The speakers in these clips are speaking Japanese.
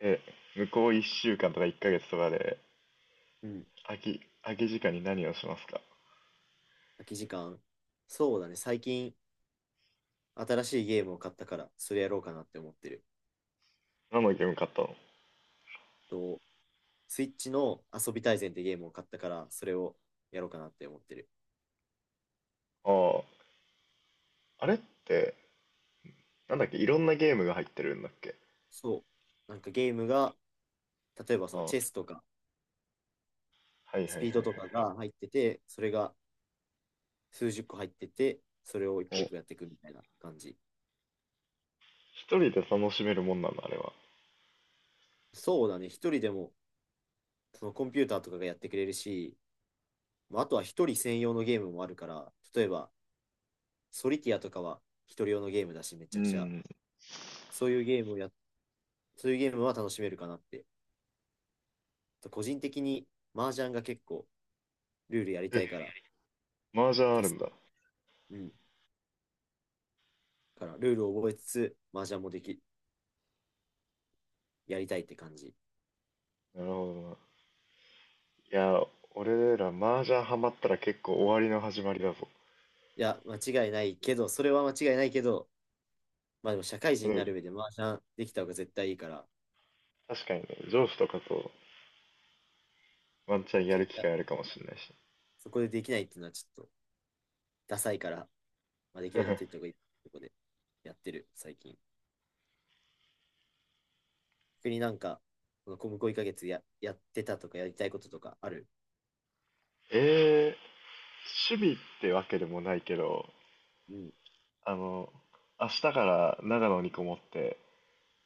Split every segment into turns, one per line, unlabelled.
え、向こう1週間とか1ヶ月とかで、
うん、
空き時間に何をしますか？
空き時間。そうだね、最近新しいゲームを買ったから、それやろうかなって思ってる。
何のゲーム買ったの？
と、スイッチの遊び大全ってゲームを買ったから、それをやろうかなって思ってる。
ああ、あれって、なんだっけ、いろんなゲームが入ってるんだっけ？
そう。なんかゲームが、例えば
あ
その
あ、は
チェ
い
スとか
はいは
スピードとかが入ってて、それが数十個入ってて、それを一
い
個
は
一
い。
個やっていくみたいな感じ。
お、一人で楽しめるもんなんだ、あれは。
そうだね、一人でもそのコンピューターとかがやってくれるし、まあ、あとは一人専用のゲームもあるから、例えばソリティアとかは一人用のゲームだし、めち
う
ゃくちゃ
ん。
そういうゲームをや、そういうゲームは楽しめるかなって。個人的に麻雀が結構ルールやりた
え、
いから、
麻雀ある
助
ん
か、
だ。
うん。からルールを覚えつつ、麻雀もでき、やりたいって感じ。い
なるほどな。いや、俺ら麻雀ハマったら結構終わりの始まりだぞ。
や、間違いないけど、それは間違いないけど、まあでも社会
で
人に
も
なる上で麻雀できた方が絶対いいから、
確かにね、上司とかとワンチャンや
そう、
る
い
機
や、
会あるかもしれないし。
そこでできないっていうのはちょっとダサいから、まあ、できるなって言った方がいいとこでやってる、最近。逆になんか、この向こう1ヶ月やってたとかやりたいこととかある？
え趣味ってわけでもないけど、
うん。
あの、明日から長野にこもって、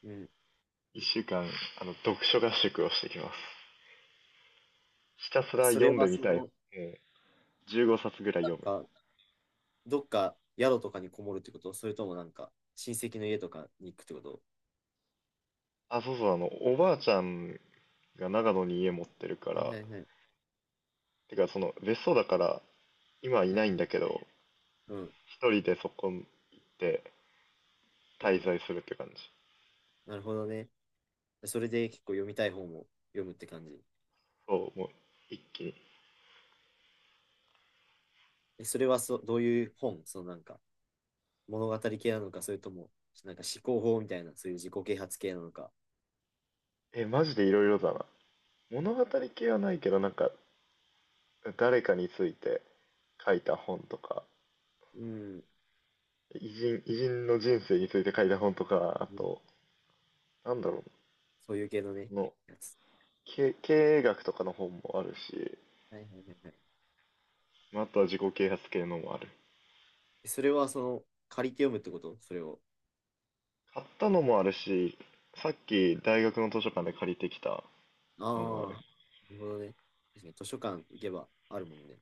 うん。
1週間、読書合宿をしてきます。ひたすら
そ
読
れ
んで
は
み
そ
たい。
の、
え15冊ぐらい
な
読む。
んか、どっか宿とかにこもるってこと？それともなんか親戚の家とかに行くってこと？
あ、そうそう、おばあちゃんが長野に家持ってるか
はいは
ら、
いはい。
てか、別荘だから、今はい
はい
ない
は
んだ
い、
けど、
うん、
一人でそこ行って
う
滞
ん。
在するって感じ。
なるほどね。それで結構読みたい本を読むって感じ。
そう、もう、一気に。
え、それはどういう本？そのなんか物語系なのか、それともなんか思考法みたいな、そういう自己啓発系なのか？
え、マジでいろいろだな。物語系はないけど、なんか、誰かについて書いた本とか、
うん。
偉人の人生について書いた本とか、あ
うん、
と、なんだろう、
そういう系のね、
その、
やつ。
経営学とかの本もあるし、
はいはいはいはい。
まああとは自己啓発系のもある。
え、それはその借りて読むってこと？それを。
買ったのもあるし、さっき大学の図書館で借りてきた
あ
のもある。
あ、なるほどね。確かに図書館行けばあるもんね。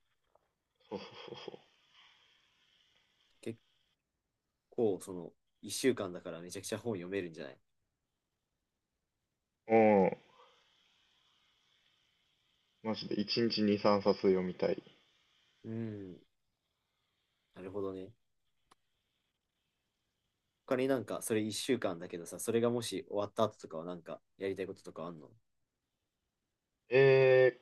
そうそうそう
結構その1週間だからめちゃくちゃ本読めるんじゃない？
そう。うん。マジで1日2、3冊読みたい。
うん、なるほどね。他になんかそれ1週間だけどさ、それがもし終わった後とかはなんかやりたいこととかあんの？
え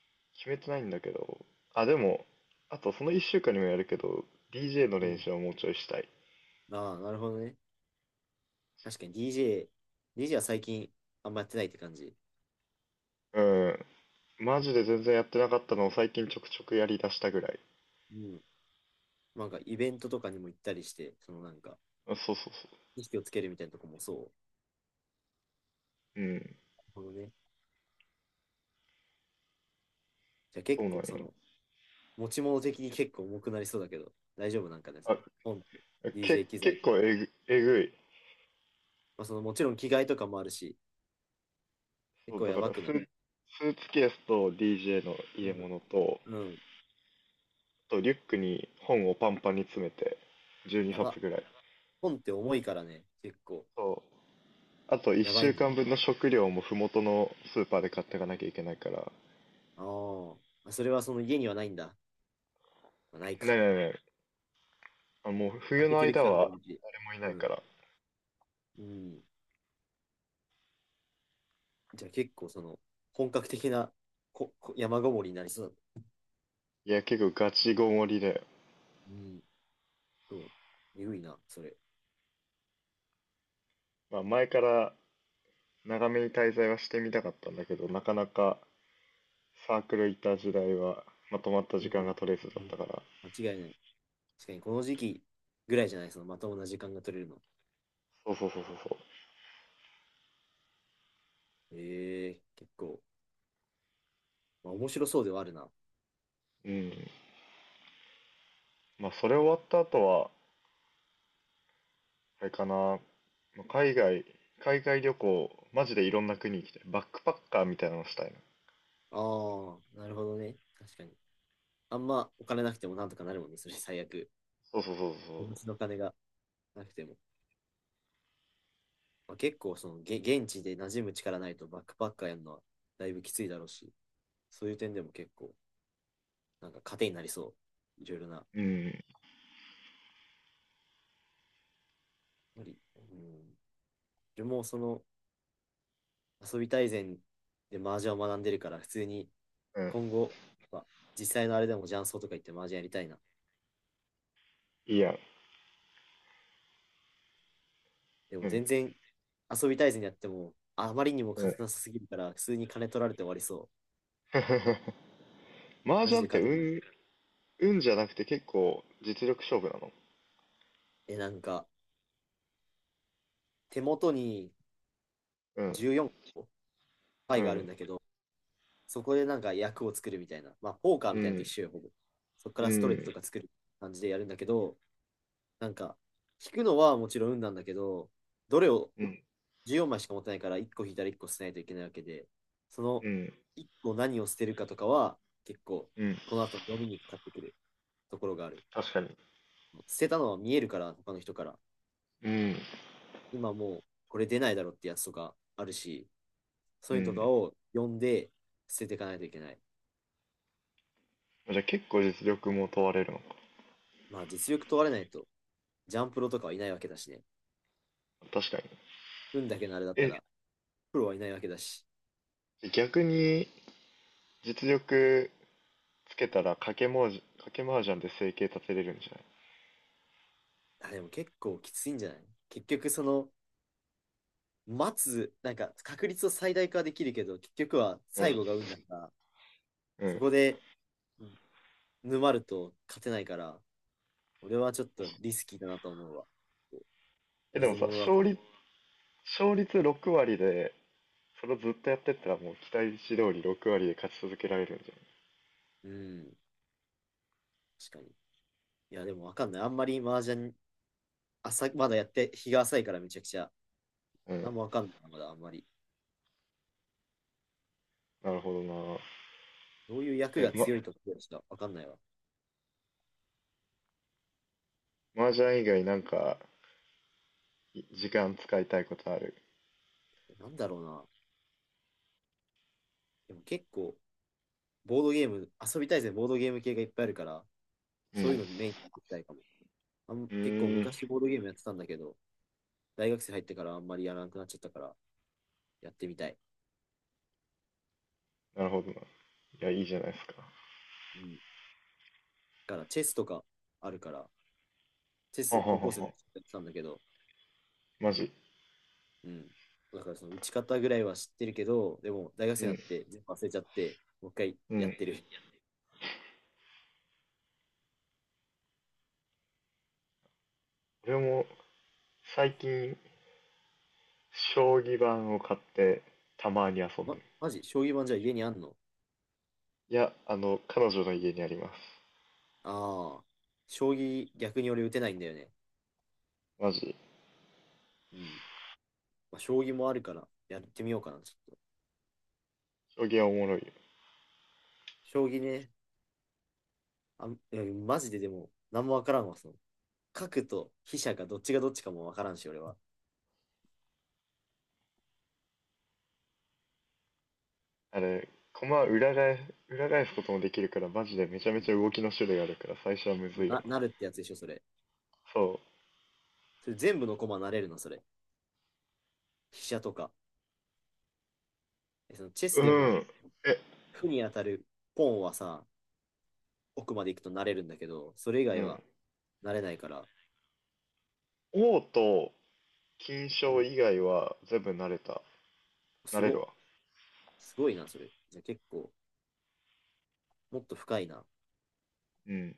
決めてないんだけど。あ、でも、あとその1週間にもやるけど、DJ の
う
練
ん。
習はもうちょいしたい。
ああ、なるほどね。確かに DJ、DJ は最近あんまやってないって感じ。
うん。マジで全然やってなかったのを最近ちょくちょくやりだしたぐらい。
うん。なんかイベントとかにも行ったりして、そのなんか
あそうそうそう。
意識をつけるみたいなとこもそう。
うん、
なるほどね。じゃあ
そ
結
うなんよ。
構その持ち物的に結構重くなりそうだけど、大丈夫なんかね、そ
あ、
れ。本と、DJ 機材
結
と、
構えぐい。
まあそのもちろん着替えとかもあるし、結
そう、
構
だ
や
か
ば
ら
く
ス
な
う
い？
ー、うん。スーツケースと DJ の入
う
れ
ん
物と、
うん。
あとリュックに本をパンパンに詰めて、12
や
冊
ば。
ぐらい。
本って重いからね、結構。
そう。あと
や
1
ばい
週
んじゃ
間
ない？
分の食料も麓のスーパーで買っていかなきゃいけないから。ね
あー、まあ。それはその家にはないんだ。まあ、ない
えねえね
か。
え。あ、もう
開
冬
け
の
てる
間
期間の
は
分岐。
誰もいな
う
い
ん。
から。
うん。じゃあ結構その、本格的なここ山ごもりになりそう
いや、結構ガチごもりで。
だね。うん。そう。えぐいな、それ。
まあ前から長めに滞在はしてみたかったんだけど、なかなかサークル行った時代はまとまった
う
時間
ん。
が取れずだ
う
っ
ん、
たから。
間違いない。確かにこの時期ぐらいじゃない？そのまともな時間が取れるの。
そうそうそうそうそ
ええ、結構、まあ、面白そうではあるな。あ
う。うん。まあそれ終わった後は、あれかな、まあ海外旅行、マジでいろんな国行きたい。バックパッカーみたいなのしたいな。
あ、なるほどね。確かに。あんまお金なくてもなんとかなるもんね、それ最悪。
そうそうそう
お持
そ
ちの金がなくても。まあ、結構その現地で馴染む力ないとバックパッカーやるのはだいぶきついだろうし、そういう点でも結構なんか糧になりそう。いろいろな。
う。うん。
無理。うん。でもその遊び大全で麻雀を学んでるから、普通に
うん。
今後、まあ、実際のあれでも雀荘とか行って麻雀やりたいな。
いいやん。
で
う
も
ん。
全然遊び大全やってもあまりにも
う
勝
ん
てなさすぎるから、普通に金取られて終わりそう。
麻
マジ
雀っ
で勝
て
てない。
運じゃなくて結構実力勝負なの？
え、なんか手元に
うん。
14個パ
う
イがあるん
ん。
だけど、そこでなんか役を作るみたいな。まあ、ポーカー
う
みたいなのと一
ん。
緒よ、ほぼ。そこか
う
らストレー
ん。
トとか作る感じでやるんだけど、なんか、引くのはもちろん運なんだけど、どれを
うん。
14枚しか持ってないから、1個引いたら1個捨てないといけないわけで、その
うん。
1個何を捨てるかとかは、結構、
うん。
この後の読みにかかってくるところがある。
確かに。
捨てたのは見えるから、他の人から。
うん。
今もう、これ出ないだろってやつとかあるし、そ
う
ういうのとか
ん。
を読んで捨てていかないといけない。
じゃあ結構実力も問われるのか。
まあ、実力問われないと、ジャンプロとかはいないわけだしね。
確かに。
運だけのあれだった
え、
ら、プロはいないわけだし。
逆に実力つけたら賭け麻雀で生計立てれるんじ
あ、でも結構きついんじゃない？結局、その、待つ、なんか確率を最大化できるけど、結局は
ゃな
最
い？
後が運だから、
うん。うん。
そ
確
こ
か
で沼ると勝てないから、俺はちょっと
に。
リスキーだなと思うわ。
え、で
水
もさ、
物だと
勝
思
率、勝率6割で、それをずっとやってったらもう期待値通り6割で勝ち続けられるんじ
う。うん、確かに。いや、でもわかんない。あんまり麻雀、朝、まだやって、日が浅いからめちゃくちゃ、
ゃない？う
な
ん。
んもわかんないなまだあんまり。
なるほどな。
どういう役
え、
が強いとかしかわかんないわ。
麻雀以外なんか、い時間使いたいことある？
なんだろうな。でも結構、ボードゲーム、遊びたいぜ、ボードゲーム系がいっぱいあるから、
うん。う
そういうのにメインにやっていきたいかも。結構
ーん。
昔ボードゲームやってたんだけど、大学生入ってからあんまりやらなくなっちゃったから、やってみたい。
なるほどな。いや、いいじゃないですか。
うん。だからチェスとかあるから、チェ
は
ス
はは
高校生の
は。
時やってたんだけど、
マジ。
うん。だからその打ち方ぐらいは知ってるけど、でも大学
う
生になっ
ん。
て全部忘れちゃって、もう一回
う
やっ
ん。
てる。
俺も最近将棋盤を買ってたまに遊んでる。
マジ？将棋盤じゃあ家にあんの？
いや、彼女の家にあります。
ああ、将棋逆に俺打てないんだよね。
マジ。
うん。まあ、将棋もあるからやってみようかな、ちょっと。
将棋はおもろいよ。
将棋ね、あ、え、マジででも、何もわからんわ、その。核と飛車がどっちがどっちかもわからんし、俺は。
あれ、駒裏返すこともできるから、マジでめちゃ
う
め
ん、
ちゃ動きの種類あるから、最初はむずいよな。
なるってやつでしょ、それ。
そ
それ全部の駒なれるの？それ。飛車とか。え、そのチェ
う。
スで
う
も、
ん。え、
負に当たるポンはさ、奥まで行くとなれるんだけど、それ以
う
外は
ん。
なれないから。
王と金
う
将
ん。
以外は全部慣れた。慣
す
れる
ご、
わ。
すごいな、それ。じゃあ結構、もっと深いな。
うん。